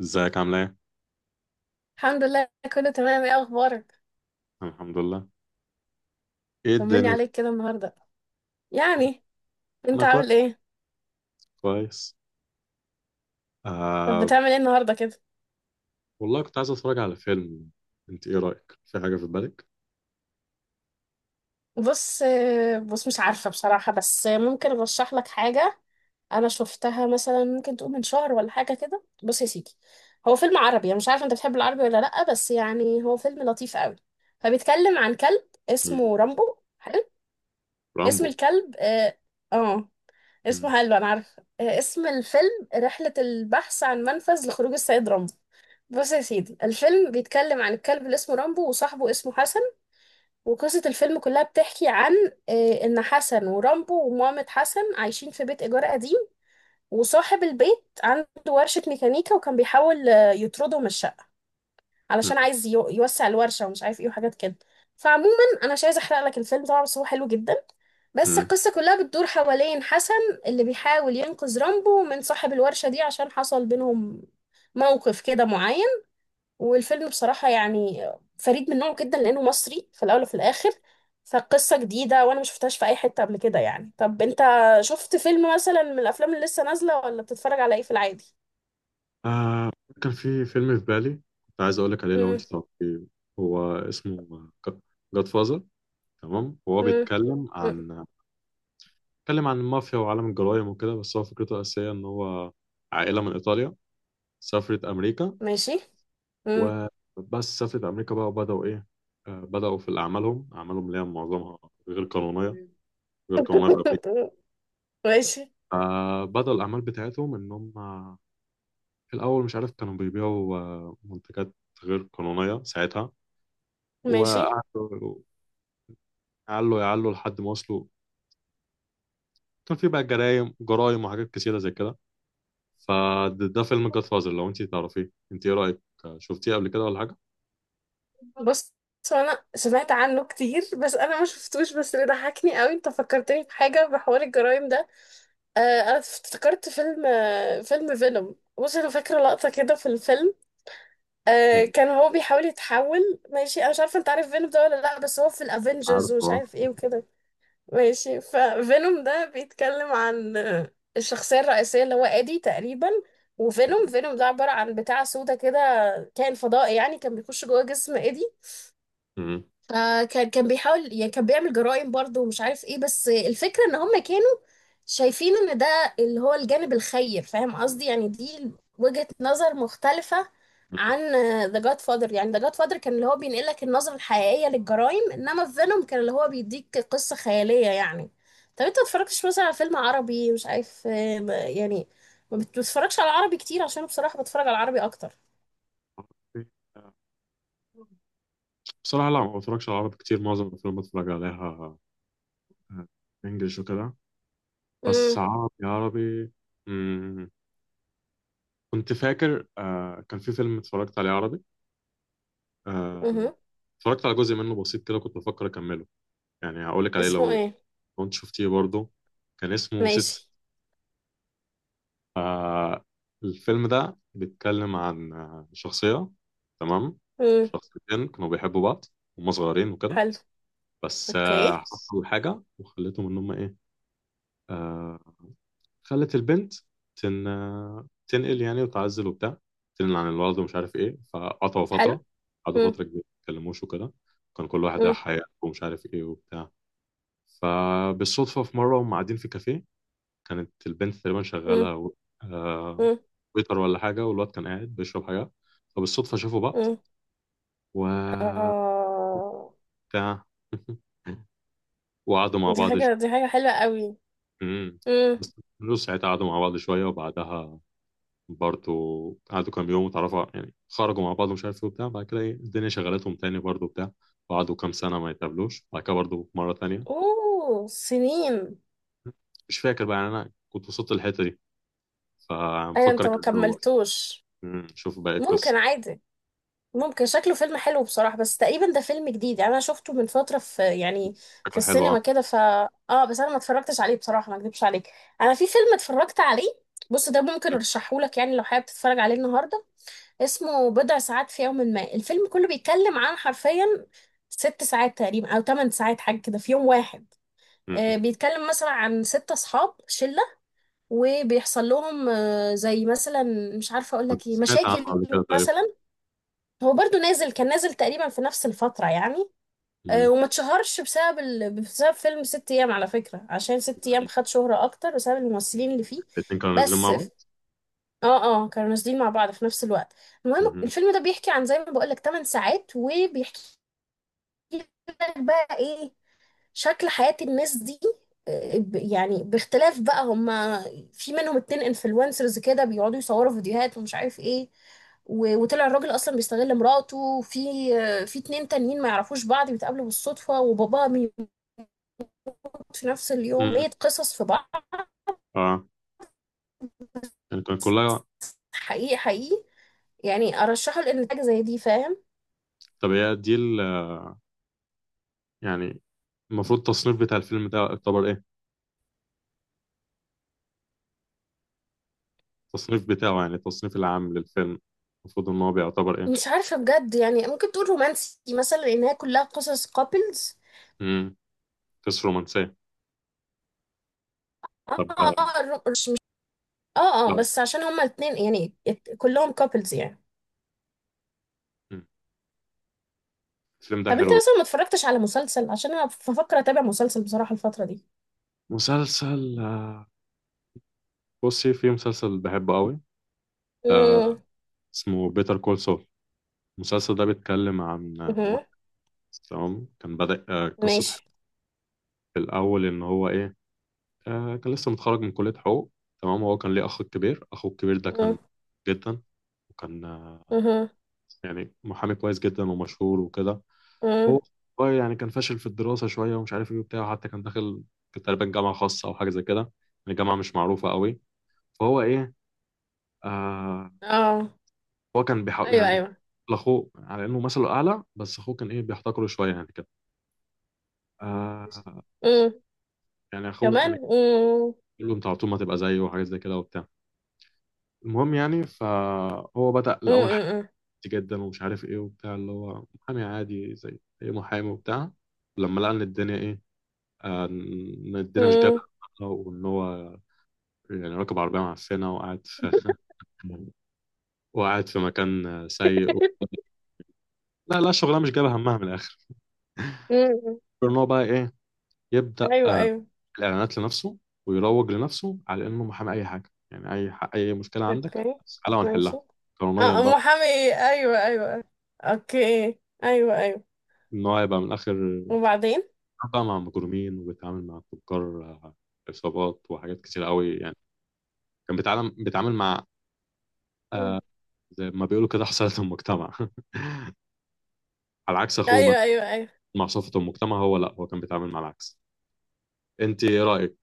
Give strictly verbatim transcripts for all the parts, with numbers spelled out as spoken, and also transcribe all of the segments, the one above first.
ازيك عامل ايه؟ الحمد لله. كله تمام، ايه اخبارك؟ أنا الحمد لله. ايه طمني الدنيا؟ عليك كده النهارده. يعني انت انا كويس. عامل ايه؟ كويس. طب آه. بتعمل ايه النهارده كده؟ والله كنت عايز اتفرج على فيلم. انت ايه رأيك؟ في حاجة في بالك؟ بص آه، بص مش عارفه بصراحه، بس ممكن ارشح لك حاجه. انا شفتها مثلا، ممكن تقول من شهر ولا حاجه كده. بص يا سيدي، هو فيلم عربي، انا مش عارفه انت بتحب العربي ولا لا، بس يعني هو فيلم لطيف قوي. فبيتكلم عن كلب مم. اسمه رامبو. حلو. اسم رامبو. الكلب اه, آه. اسمه مم. حلو انا عارفه. آه، اسم الفيلم رحله البحث عن منفذ لخروج السيد رامبو. بص يا سيدي، الفيلم بيتكلم عن الكلب اللي اسمه رامبو، وصاحبه اسمه حسن، وقصة الفيلم كلها بتحكي عن آه، إن حسن ورامبو ومامة حسن عايشين في بيت إيجار قديم، وصاحب البيت عنده ورشة ميكانيكا، وكان بيحاول آه، يطرده من الشقة مم. علشان عايز يو- يوسع الورشة ومش عارف إيه وحاجات كده. فعموما أنا مش عايزة أحرق لك الفيلم طبعا، بس هو حلو جدا. بس مم. القصة كلها بتدور حوالين حسن اللي بيحاول ينقذ رامبو من صاحب الورشة دي، عشان حصل بينهم موقف كده معين. والفيلم بصراحة يعني فريد من نوعه جدا، لأنه مصري في الأول وفي الآخر. فقصة جديدة، وأنا ما شفتهاش في أي حتة قبل كده. يعني طب أنت شفت فيلم مثلا من الأفلام اللي لسه نازلة، ولا بتتفرج على إيه في العادي؟ آه. كان في فيلم في بالي، كنت عايز اقول لك عليه لو انت مم. تعرفيه. هو اسمه جاد فازر. تمام. هو مم. بيتكلم مم. عن بيتكلم عن المافيا وعالم الجرايم وكده، بس هو فكرته الأساسية ان هو عائلة من ايطاليا سافرت امريكا. ماشي. مم. وبس سافرت أمريكا بقى وبدأوا إيه. آه، بدأوا في أعمالهم أعمالهم اللي هي معظمها غير قانونية غير قانونية في أمريكا. ماشي. فبدأوا الأعمال بتاعتهم إن هم في الأول مش عارف كانوا بيبيعوا آه، منتجات غير قانونية ساعتها. ماشي. وقعدوا يعلوا يعلوا لحد ما وصلوا. كان في بقى جرايم جرايم وحاجات كتيرة زي كده. فده ده فيلم جاد فازر. لو أنت تعرفيه، أنت إيه رأيك؟ شفتيه قبل كده ولا حاجة؟ بص، هو أنا سمعت عنه كتير بس أنا ما شفتوش، بس اللي ضحكني قوي أنت فكرتني بحاجة بحوار الجرايم ده. آه أنا افتكرت فيلم، آه فيلم فينوم. بص أنا فاكرة لقطة كده في الفيلم. آه مم. كان هو بيحاول يتحول. ماشي، انا مش عارفه انت عارف فينوم ده ولا لا، بس هو في الافينجرز عارفه. ومش آه. عارف ايه وكده. ماشي، ففينوم ده بيتكلم عن آه، الشخصيه الرئيسيه اللي هو ادي تقريبا. وفينوم فينوم ده عباره عن بتاع سودا كده، كائن فضائي، يعني كان بيخش جوه جسم ادي. مم. فكان كان بيحاول، يعني كان بيعمل جرائم برضه ومش عارف ايه، بس الفكرة ان هم كانوا شايفين ان ده اللي هو الجانب الخير، فاهم قصدي؟ يعني دي وجهة نظر مختلفة عن ذا جاد فادر. يعني ذا جاد فادر كان اللي هو بينقل لك النظرة الحقيقية للجرائم، انما فينوم كان اللي هو بيديك قصة خيالية يعني. طب انت ما اتفرجتش مثلا على فيلم عربي مش عارف، آه، يعني ما- يعني ما بتتفرجش على عربي كتير؟ عشان بصراحة بتفرج على العربي اكتر. مم. بصراحة لا، ما بتفرجش على عربي كتير، معظم الأفلام بتفرج عليها آه، إنجلش وكده. بس امم. عربي عربي. مم. كنت فاكر آه كان في فيلم اتفرجت عليه عربي. آه. امم. اتفرجت على جزء منه بسيط كده، كنت بفكر أكمله. يعني هقولك عليه اسمه لو ايه؟ لو أنت شفتيه برضه. كان اسمه ست. ماشي. آه. الفيلم ده بيتكلم عن آه، شخصية. تمام. امم. شخصيتين كانوا بيحبوا بعض وهم صغيرين وكده. حلو. بس اوكي. آه حصل حاجة وخلتهم إن هم إيه. آه، خلت البنت تن... تنقل يعني وتعزل وبتاع. تنقل عن الولد ومش عارف ايه، فقطعوا حلو. فترة. قعدوا مم. فترة كبيرة ما اتكلموش وكده. كان كل واحد مم. راح حياته ومش عارف ايه وبتاع. فبالصدفة في مرة هم قاعدين في كافيه، كانت البنت تقريبا مم. شغالة و... آه... مم. ويتر ولا حاجة، والواد كان قاعد بيشرب حاجة. فبالصدفة شافوا بعض مم. و اه، بتاع وقعدوا مع دي بعض حاجة شوية. دي حاجة حلوة قوي. مم. بس ساعتها قعدوا مع بعض شوية، وبعدها برضو قعدوا كام يوم وتعرفوا، يعني خرجوا مع بعض ومش عارف ايه وبتاع. بعد كده ايه الدنيا شغلتهم تاني برضو بتاع، وقعدوا كام سنة ما يتقابلوش بعد كده برضو مرة تانية. اوه، سنين! مش فاكر بقى، يعني أنا كنت وصلت الحتة دي ايوه، فمفكر انت ما أكمله بقى. كملتوش؟ مم. شوف باقي ممكن القصة. عادي. ممكن شكله فيلم حلو بصراحة، بس تقريبا ده فيلم جديد يعني انا شفته من فترة، في يعني في فكرة حلوة أه. السينما كده. ف اه بس انا ما اتفرجتش عليه بصراحة، ما اكدبش عليك. انا في فيلم اتفرجت عليه، بص ده ممكن ارشحهولك يعني لو حابب تتفرج عليه النهاردة. اسمه بضع ساعات في يوم ما. الفيلم كله بيتكلم عن حرفيا ست ساعات تقريبا او ثمان ساعات حاجه كده في يوم واحد. مم. آه، بيتكلم مثلا عن ست اصحاب شله، وبيحصل لهم آه، زي مثلا، مش عارفه اقول مم. لك ايه، سمعت عنه مشاكل قبل كده تقريبا. مثلا. هو برضو نازل، كان نازل تقريبا في نفس الفتره يعني. آه، مم. وما اتشهرش بسبب ال... بسبب فيلم ست ايام على فكره، عشان ست ايام خد شهره اكتر بسبب الممثلين اللي فيه الاتنين كانوا نازلين مع بس. بعض. اه اه كانوا نازلين مع بعض في نفس الوقت. المهم مم. الفيلم ده بيحكي عن زي ما بقولك ثمان ساعات، وبيحكي لك بقى ايه شكل حياة الناس دي. آه، ب- يعني باختلاف بقى هما، في منهم اتنين انفلونسرز كده بيقعدوا يصوروا فيديوهات ومش عارف ايه، و- وطلع الراجل اصلا بيستغل مراته، وفي آه، في اتنين تانيين ما يعرفوش بعض بيتقابلوا بالصدفة وباباه بيموت في نفس اليوم. مم. ايه قصص في بعض، اه. يعني كان كلها. حقيقي حقيقي. يعني ارشحه لان حاجة زي دي، فاهم؟ طب هي دي ال- يعني المفروض التصنيف بتاع الفيلم ده يعتبر إيه؟ التصنيف بتاعه يعني التصنيف العام للفيلم، المفروض ان هو بيعتبر ايه. مش عارفة بجد، يعني ممكن تقول رومانسي مثلا لأنها كلها قصص كابلز. امم قصة رومانسية. اه طب آه، اه الر- مش مش اه اه لا. بس عشان هما الاتنين يعني ات- كلهم كابلز يعني. مم. الفيلم ده طب انت حلو. مثلا ما اتفرجتش على مسلسل؟ عشان انا بفكر اتابع مسلسل بصراحة الفترة دي. مسلسل آه، بصي في مسلسل بحبه قوي. امم. اسمه بيتر كول سول. المسلسل ده بيتكلم عن آه، واحد. مهم. تمام. كان بدأ آه، قصة حب ماشي. في الأول إن هو إيه. آه، كان لسه متخرج من كلية حقوق. تمام. هو كان ليه أخ كبير، أخوه الكبير ده امم. كان جدا. وكان آه، مهم. يعني محامي كويس جدا ومشهور وكده. امم. هو هو يعني كان فاشل في الدراسة شوية ومش عارف ايه وبتاع، حتى كان داخل كان تقريبا جامعة خاصة أو حاجة زي كده، يعني جامعة مش معروفة قوي. فهو ايه. آه. اه. هو كان بيحاول ايوه، يعني بي- ايوه. لأخوه على إنه مثله أعلى، بس أخوه كان ايه، بيحتقره شوية يعني كده. آه. امم. يعني أخوه كمان. يعني امم. بيقول له أنت على طول ما تبقى زيه وحاجات زي كده وبتاع. المهم يعني فهو بدأ امم. الأول حاجات امم. جدا ومش عارف ايه وبتاع، اللي هو محامي عادي زي أي محامي وبتاع. لما لقى إن الدنيا ايه. آه. إن الدنيا مش جايبة، امم. وإن هو يعني راكب عربية معفنة وقاعد في وقاعد في مكان سيء و... لا لا، شغلانة مش جايبة همها من الآخر. امم. غير إن هو بقى إيه، يبدأ ايوه، آه، ايوه. الإعلانات لنفسه، ويروج لنفسه على إنه محامي أي حاجة، يعني أي ح... أي مشكلة عندك اوكي. تعالى ماشي. ونحلها قانونيا اه، بقى. محامي، ايه؟ ايوه، ايوه. أيوة. اوكي. ايوه، ايوه. إن هو يبقى من الآخر وبعدين؟ بقى مع مجرمين وبيتعامل مع تجار آه، عصابات وحاجات كتير قوي، يعني كان بيتعامل بيتعامل مع مم. زي ما بيقولوا كده حصلت المجتمع على عكس أخوه مثلا، ايوه، ايوه، ايوه. مع صفة المجتمع هو، لا، هو كان بيتعامل مع العكس. أنت إيه رأيك؟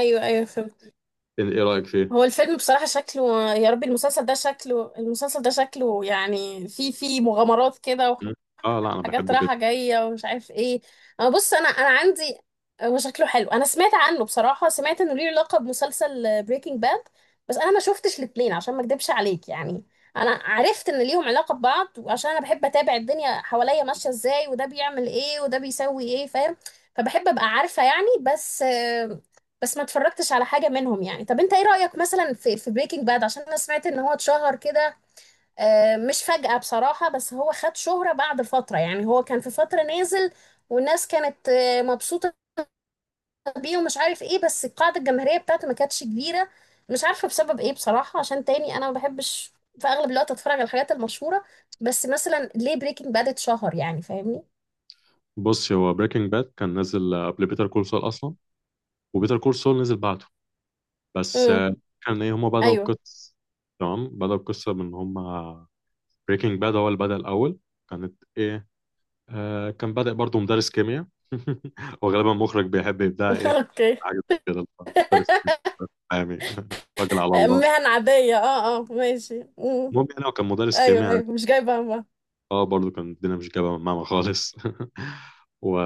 ايوه، ايوه فهمت. ايه إيه رأيك فيه؟ هو الفيلم بصراحة شكله، يا ربي، المسلسل ده شكله المسلسل ده شكله يعني في في مغامرات كده، مم. اه، لا، انا حاجات بحبه رايحة جدا. جاية ومش عارف ايه. انا بص انا انا عندي، هو شكله حلو. انا سمعت عنه بصراحة، سمعت انه ليه لقب مسلسل بريكنج باد، بس انا ما شفتش الاتنين عشان ما اكدبش عليك يعني. انا عرفت ان ليهم علاقة ببعض، وعشان انا بحب اتابع الدنيا حواليا ماشية ازاي، وده بيعمل ايه وده بيسوي ايه، فاهم؟ فبحب ابقى عارفة يعني. بس آه، بس ما اتفرجتش على حاجة منهم يعني. طب انت ايه رأيك مثلا في في بريكنج باد؟ عشان انا سمعت ان هو اتشهر كده آه، مش فجأة بصراحة، بس هو خد شهرة بعد فترة يعني. هو كان في فترة نازل والناس كانت آه، مبسوطة بيه ومش عارف ايه، بس القاعدة الجماهيرية بتاعته ما كانتش كبيرة. مش عارفة بسبب ايه بصراحة، عشان تاني انا ما بحبش في اغلب الوقت اتفرج على الحاجات المشهورة. بس مثلا ليه بريكنج باد اتشهر يعني، فاهمني؟ بص، هو بريكنج باد كان نازل آه، قبل بيتر كول سول اصلا، وبيتر كول سول نزل بعده. بس امم. آه، كان ايه، هما بدأوا ايوه. القصة. تمام. بدأوا القصة من هما بريكنج باد هو اللي بدأ الأول. كانت ايه. آه. كان بادئ برضه مدرس كيمياء وغالبا مخرج بيحب يبدأ ايه اوكي. حاجة كده. مدرس كيمياء يعني راجل على الله. مهن عادية، اه اه، ماشي. مم. المهم يعني هو كان مدرس ايوه، كيمياء. ايوه، مش جايبة همها. اه برضو كان الدنيا مش جايبه معانا خالص و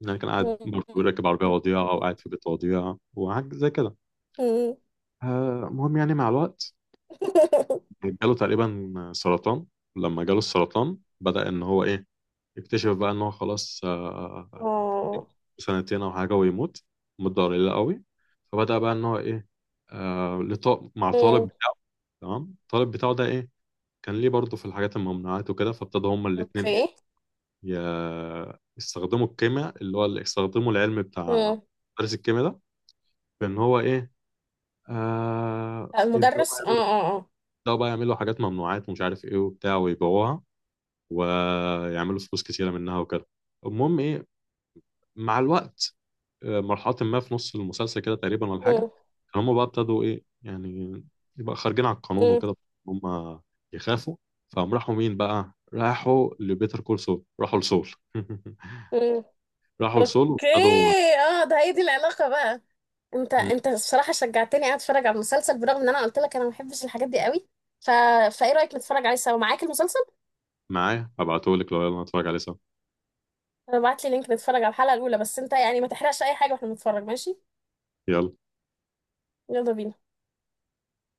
يعني كان قاعد مم. برضه راكب عربية وضيعة أو قاعد في بيت وضيعة وحاجة زي كده. مم. آه، المهم يعني مع الوقت جاله تقريبا سرطان. لما جاله السرطان بدأ إن هو إيه، يكتشف بقى إن هو خلاص آه، اه. سنتين أو حاجة ويموت. مدة قليلة قوي. فبدأ بقى إن هو إيه. آه، لط- مع الطالب مم. بتاعه. تمام. الطالب بتاعه ده إيه، كان ليه برضه في الحاجات الممنوعات وكده. فابتدوا هما الاتنين اوكي. إيه، ي- يستخدموا الكيمياء اللي هو اللي يستخدموا العلم بتاع مم. مدرس الكيمياء ده، بان هو ايه. آه. آه، يبداوا بقى المدرس، اه يعملوا اه اه. يبداوا بقى يعملوا حاجات ممنوعات ومش عارف ايه وبتاع، ويبيعوها ويعملوا فلوس كتيره منها وكده. المهم ايه، مع الوقت آه، مرحله ما في نص المسلسل كده تقريبا ولا حاجه، مم. كان هم بقى ابتدوا ايه، يعني يبقى خارجين على القانون مم. وكده، هم يخافوا. فقام راحوا مين بقى، راحوا لبيتر كول سول، راحوا لسول مم. راحوا لسول اوكي. وابتدوا. اه، ده هي دي العلاقة بقى. انت انت الصراحة شجعتني قاعد اتفرج على المسلسل، برغم ان انا قلت لك انا ما بحبش الحاجات دي قوي. ف... فايه رأيك نتفرج عليه سوا معاك المسلسل؟ معايا هبعتهولك لو، يلا نتفرج عليه سوا. ابعت لي لينك نتفرج على الحلقة الاولى، بس انت يعني ما تحرقش اي حاجة واحنا بنتفرج، ماشي؟ يلا. يلا بينا.